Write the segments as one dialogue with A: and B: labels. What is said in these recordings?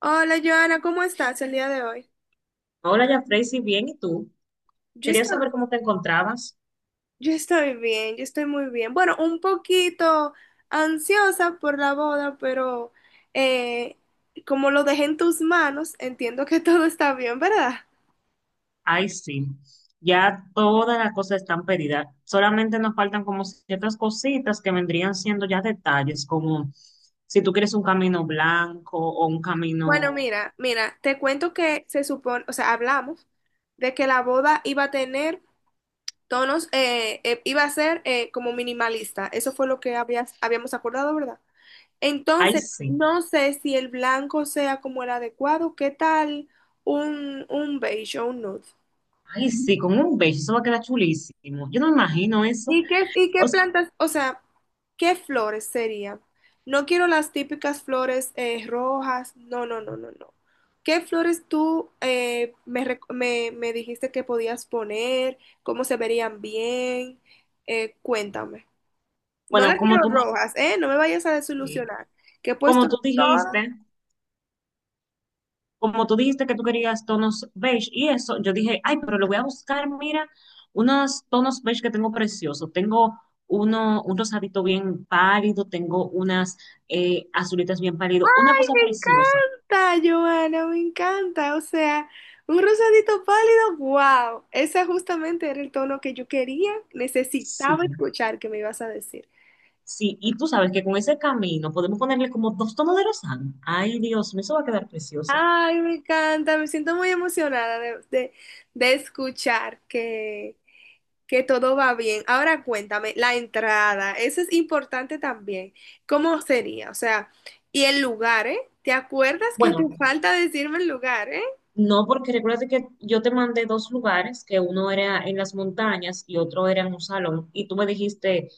A: Hola Joana, ¿cómo estás el día de hoy?
B: Hola, ya Tracy, bien, ¿y tú?
A: Yo
B: Quería
A: estoy,
B: saber cómo te encontrabas.
A: yo estoy bien, yo estoy muy bien. Bueno, un poquito ansiosa por la boda, pero eh, como lo dejé en tus manos, entiendo que todo está bien, ¿verdad?
B: Ay, sí, ya todas las cosas están pedidas. Solamente nos faltan como ciertas cositas que vendrían siendo ya detalles, como si tú quieres un camino blanco o un
A: Bueno,
B: camino.
A: mira, te cuento que se supone, o sea, hablamos de que la boda iba a tener tonos, iba a ser como minimalista. Eso fue lo que habíamos acordado, ¿verdad?
B: Ay,
A: Entonces,
B: sí,
A: no sé si el blanco sea como el adecuado, ¿qué tal un beige o un nude?
B: ay, sí, con un beige, eso va a quedar chulísimo. Yo no me imagino eso.
A: ¿Y qué, y
B: O
A: qué
B: s-
A: plantas, o sea, qué flores sería? No quiero las típicas flores rojas, no, no, no, no, no. ¿Qué flores tú me dijiste que podías poner? ¿Cómo se verían bien? Cuéntame. No
B: bueno,
A: las
B: como
A: quiero
B: tú,
A: rojas, ¿eh? No me vayas a
B: sí,
A: desilusionar, que he puesto
B: como tú
A: todas.
B: dijiste. Como tú dijiste que tú querías tonos beige y eso, yo dije, ay, pero le voy a buscar, mira, unos tonos beige que tengo preciosos. Tengo un rosadito bien pálido, tengo unas azulitas bien pálido, una cosa
A: Me
B: preciosa.
A: encanta, Joana, me encanta. O sea, un rosadito pálido, wow. Ese justamente era el tono que yo quería,
B: Sí,
A: necesitaba escuchar que me ibas a decir.
B: sí, y tú sabes que con ese camino podemos ponerle como dos tonos de rosado. Ay, Dios, mío, eso va a quedar precioso.
A: Ay, me encanta, me siento muy emocionada de escuchar que todo va bien. Ahora cuéntame, la entrada, eso es importante también. ¿Cómo sería? O sea, y el lugar, ¿eh? ¿Te acuerdas que te
B: Bueno,
A: falta decirme el lugar, eh?
B: no, porque recuérdate que yo te mandé dos lugares, que uno era en las montañas y otro era en un salón, y tú me dijiste.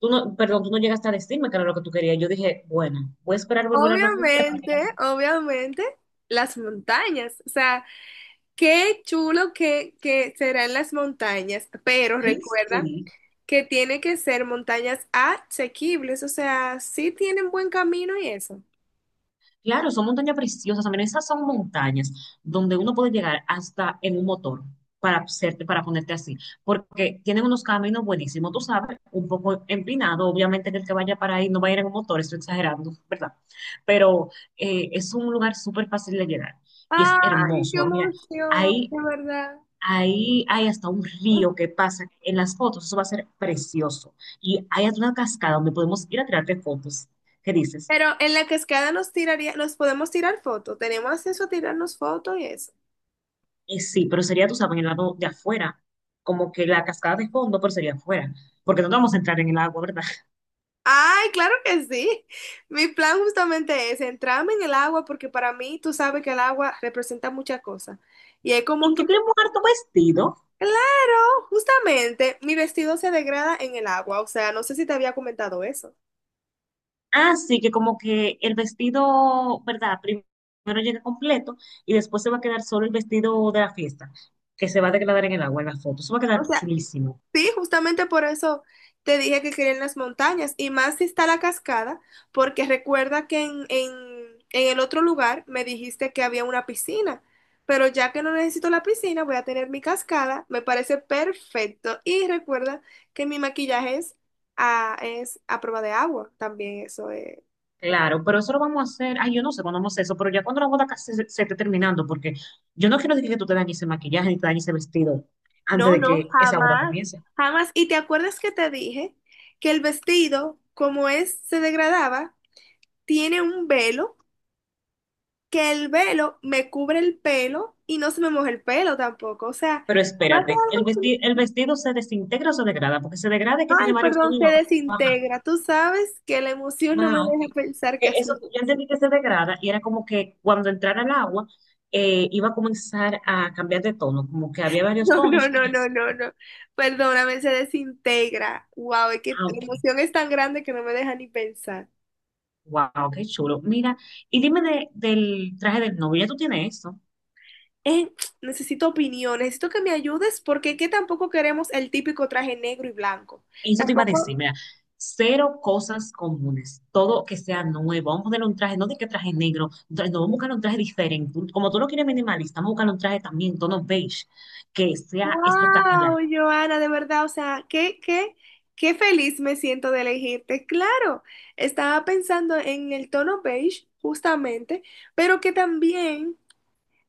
B: Tú no, perdón, tú no llegaste a decirme que era lo que tú querías. Yo dije, bueno, voy a esperar volver a hablar con ella para que ella
A: Obviamente,
B: me.
A: obviamente, las montañas. O sea, qué chulo que serán las montañas, pero
B: Ay,
A: recuerda
B: sí.
A: que tiene que ser montañas asequibles. O sea, sí tienen buen camino y eso.
B: Claro, son montañas preciosas. También esas son montañas donde uno puede llegar hasta en un motor para hacerte, para ponerte así. Porque tienen unos caminos buenísimos, tú sabes, un poco empinado. Obviamente que el que vaya para ahí no va a ir en un motor, estoy exagerando, ¿verdad? Pero es un lugar súper fácil de llegar y es
A: Ay, qué
B: hermoso. Ah, mira,
A: emoción,
B: hay
A: de verdad.
B: ahí hay hasta un río que pasa en las fotos, eso va a ser precioso. Y hay hasta una cascada donde podemos ir a tirarte fotos. ¿Qué dices?
A: Pero en la cascada nos podemos tirar fotos. Tenemos acceso a tirarnos fotos y eso.
B: Sí, pero sería, tú sabes, en el lado de afuera, como que la cascada de fondo, pero sería afuera, porque no vamos a entrar en el agua, ¿verdad?
A: Ay, claro que sí. Mi plan justamente es entrarme en el agua porque para mí tú sabes que el agua representa muchas cosas. Y es como
B: Y tú
A: que,
B: quieres mudar tu vestido,
A: claro, justamente mi vestido se degrada en el agua. O sea, no sé si te había comentado eso.
B: así que como que el vestido, ¿verdad? Primero llega completo y después se va a quedar solo el vestido de la fiesta, que se va a degradar en el agua, en las fotos. Eso va a
A: O
B: quedar
A: sea,
B: chulísimo.
A: sí, justamente por eso te dije que quería en las montañas y más si está la cascada, porque recuerda que en el otro lugar me dijiste que había una piscina, pero ya que no necesito la piscina, voy a tener mi cascada, me parece perfecto. Y recuerda que mi maquillaje es es a prueba de agua, también eso es.
B: Claro, pero eso lo vamos a hacer. Ay, yo no sé cuándo vamos a hacer eso, pero ya cuando la boda casi se esté terminando, porque yo no quiero decir que tú te dañes ese maquillaje ni te dañes ese vestido antes
A: No,
B: de
A: no,
B: que esa boda
A: jamás,
B: comience.
A: jamás. ¿Y te acuerdas que te dije que el vestido, como es, se degradaba, tiene un velo? Que el velo me cubre el pelo y no se me moja el pelo tampoco. O sea,
B: Pero
A: va a ser
B: espérate, el
A: algo chulo.
B: vestido, el vestido se desintegra o se degrada, porque se degrada es que tiene
A: Ay,
B: varios
A: perdón,
B: tonos y
A: se
B: lo baja.
A: desintegra. Tú sabes que la emoción no me
B: Ah, ok.
A: deja pensar
B: Que
A: que así.
B: eso, yo entendí que se degrada y era como que cuando entrara el agua iba a comenzar a cambiar de tono, como que había varios
A: No, no,
B: tonos
A: no,
B: y
A: no,
B: así.
A: no, no. Perdóname, se desintegra. Wow, es que
B: Ah,
A: la
B: ok.
A: emoción es tan grande que no me deja ni pensar.
B: Wow, qué chulo. Mira, y dime del traje del novio, ¿ya tú tienes esto?
A: Eh, necesito opinión, necesito que me ayudes porque es que tampoco queremos el típico traje negro y blanco.
B: Eso te iba a
A: Tampoco.
B: decir, mira, cero cosas comunes, todo que sea nuevo. Vamos a poner un traje, no de que traje negro, un no, vamos a buscar un traje diferente. Como tú lo quieres minimalista, vamos a buscar un traje también, tono beige, que sea espectacular.
A: Wow, Joana, de verdad, o sea, qué feliz me siento de elegirte. Claro, estaba pensando en el tono beige, justamente, pero que también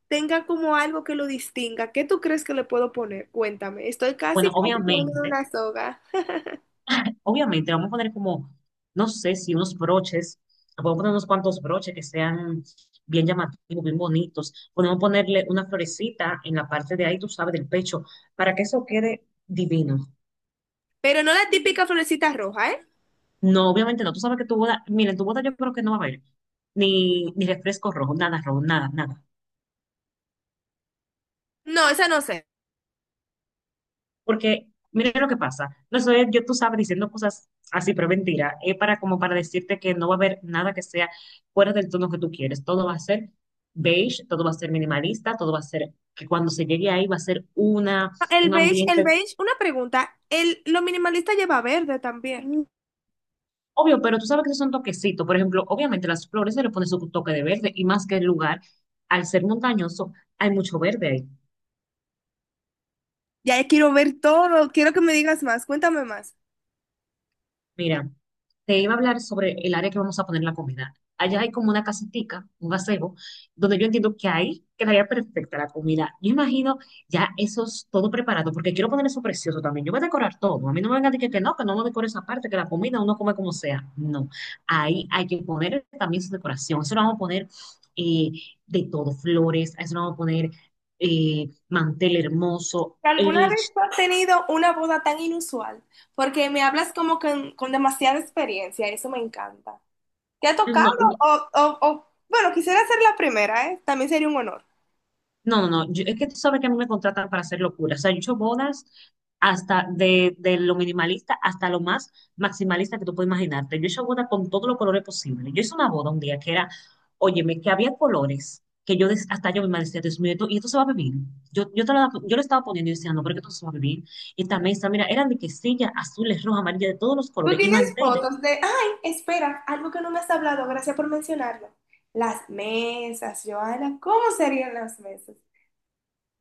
A: tenga como algo que lo distinga. ¿Qué tú crees que le puedo poner? Cuéntame. Estoy
B: Bueno,
A: casi, casi poniendo
B: obviamente,
A: una soga.
B: obviamente, vamos a poner como, no sé si unos broches, podemos poner unos cuantos broches que sean bien llamativos, bien bonitos. Podemos ponerle una florecita en la parte de ahí, tú sabes, del pecho, para que eso quede divino.
A: Pero no la típica florecita roja, ¿eh?
B: No, obviamente no. Tú sabes que tu boda, mira, en tu boda yo creo que no va a haber ni refresco rojo, nada, nada.
A: No, esa no sé.
B: Porque, mira lo que pasa. No soy yo, tú sabes, diciendo cosas así, pero mentira. Es para como para decirte que no va a haber nada que sea fuera del tono que tú quieres. Todo va a ser beige, todo va a ser minimalista, todo va a ser que cuando se llegue ahí va a ser una, un
A: El
B: ambiente.
A: beige, una pregunta. El, lo minimalista lleva verde también.
B: Obvio, pero tú sabes que esos son toquecitos. Por ejemplo, obviamente las flores se le pone su toque de verde y más que el lugar, al ser montañoso, hay mucho verde ahí.
A: Ya quiero ver todo, quiero que me digas más, cuéntame más.
B: Mira. Te iba a hablar sobre el área que vamos a poner la comida. Allá hay como una casetica, un gazebo, donde yo entiendo que ahí quedaría perfecta la comida. Yo imagino ya eso es todo preparado, porque quiero poner eso precioso también. Yo voy a decorar todo. A mí no me van a decir que no me decore esa parte, que la comida uno come como sea. No, ahí hay que poner también su decoración. Eso lo vamos a poner eh, de todo, flores, a eso lo vamos a poner mantel hermoso,
A: ¿Alguna vez tú has tenido una boda tan inusual? Porque me hablas como con demasiada experiencia, eso me encanta. ¿Te ha tocado?
B: no,
A: O, bueno, quisiera ser la primera, ¿eh? También sería un honor.
B: no, no, no. Es que tú sabes que a mí me contratan para hacer locuras. O sea, yo he hecho bodas hasta de lo minimalista hasta lo más maximalista que tú puedes imaginarte. Yo he hecho bodas con todos los colores posibles. Yo hice una boda un día que era, óyeme, que había colores que yo hasta yo me decía, Dios mío, y esto se va a beber? Yo, te lo, yo lo estaba poniendo y decía, no, pero que esto no se va a beber. Y esta mesa, mira, eran de quesillas azules, rojas, amarillas, de todos los
A: Tú
B: colores y
A: tienes
B: manteles.
A: fotos de, ay, espera, algo que no me has hablado, gracias por mencionarlo. Las mesas, Joana, ¿cómo serían las mesas?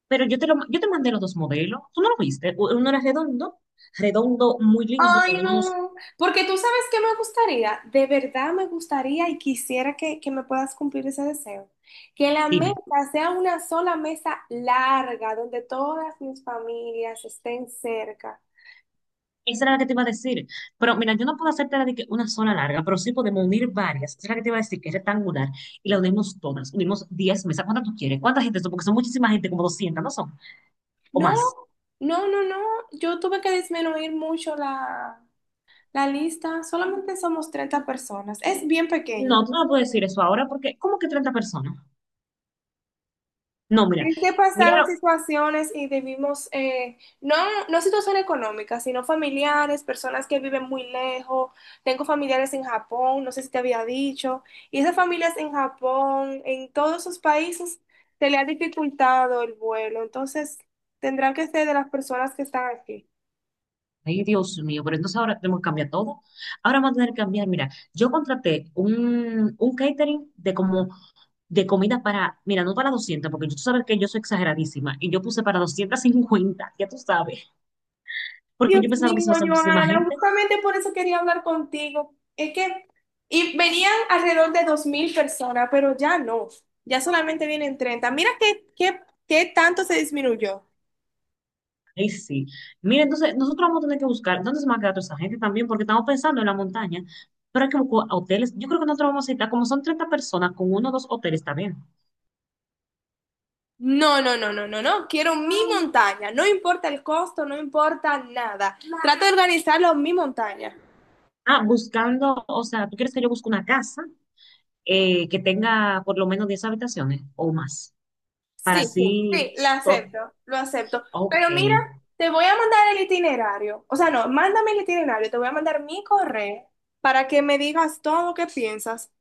B: Pero yo te mandé los dos modelos. ¿Tú no lo viste? Uno era redondo, redondo muy lindo,
A: Ay,
B: con unos.
A: no, porque tú sabes que me gustaría, de verdad me gustaría y quisiera que me puedas cumplir ese deseo, que la mesa
B: Dime.
A: sea una sola mesa larga donde todas mis familias estén cerca.
B: Esa era la que te iba a decir. Pero mira, yo no puedo hacerte la de que una sola larga, pero sí podemos unir varias. Esa es la que te iba a decir, que es rectangular. Y la unimos todas. Unimos 10 mesas. ¿Cuántas tú quieres? ¿Cuánta gente son? Porque son muchísima gente, como 200, ¿no son? O
A: No,
B: más.
A: no, no, no, yo tuve que disminuir mucho la lista, solamente somos 30 personas, es bien
B: No,
A: pequeña.
B: tú no me puedes decir eso ahora porque, ¿cómo que 30 personas? No, mira,
A: Es que pasaron
B: míralo.
A: situaciones y debimos, no situaciones económicas, sino familiares, personas que viven muy lejos. Tengo familiares en Japón, no sé si te había dicho, y esas familias en Japón, en todos esos países, se le ha dificultado el vuelo. Entonces, tendrán que ser de las personas que están aquí.
B: Ay, Dios mío, pero entonces ahora tenemos que cambiar todo. Ahora vamos a tener que cambiar. Mira, yo contraté un catering de como de comida para, mira, no para 200 porque tú sabes que yo soy exageradísima y yo puse para 250. Ya tú sabes. Porque
A: Dios
B: yo pensaba que
A: mío,
B: se va a hacer muchísima
A: Joana,
B: gente.
A: justamente por eso quería hablar contigo. Es que, y venían alrededor de 2000 personas, pero ya no, ya solamente vienen 30. Mira qué tanto se disminuyó.
B: Ahí sí. Mira, entonces nosotros vamos a tener que buscar dónde se va a quedar toda esa gente también, porque estamos pensando en la montaña, pero hay que buscar hoteles. Yo creo que nosotros vamos a necesitar, como son 30 personas, con uno o dos hoteles también.
A: No, no, no, no, no, no, quiero mi montaña, no importa el costo, no importa nada. Trato de organizarlo en mi montaña.
B: Ah, buscando, o sea, ¿tú quieres que yo busque una casa que tenga por lo menos 10 habitaciones o más? Para
A: Sí, sí, sí,
B: así,
A: la
B: to-
A: acepto, lo acepto.
B: ok.
A: Pero mira, te voy a mandar el itinerario. O sea, no, mándame el itinerario, te voy a mandar mi correo para que me digas todo lo que piensas.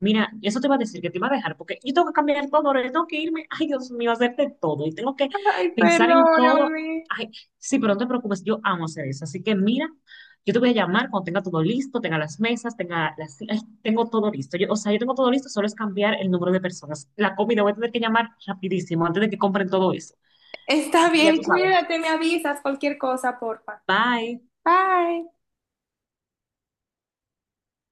B: Mira, eso te va a decir que te va a dejar, porque yo tengo que cambiar todo, ahora yo tengo que irme, ay Dios mío, hacer de todo, y tengo que
A: Ay,
B: pensar en todo,
A: perdóname.
B: ay, sí, pero no te preocupes, yo amo hacer eso, así que mira, yo te voy a llamar cuando tenga todo listo, tenga las mesas, tenga las, ay, tengo todo listo, yo, o sea, yo tengo todo listo, solo es cambiar el número de personas, la comida voy a tener que llamar rapidísimo antes de que compren todo eso,
A: Está
B: así que ya
A: bien,
B: tú sabes,
A: cuídate, me avisas cualquier cosa, porfa.
B: bye.
A: Bye.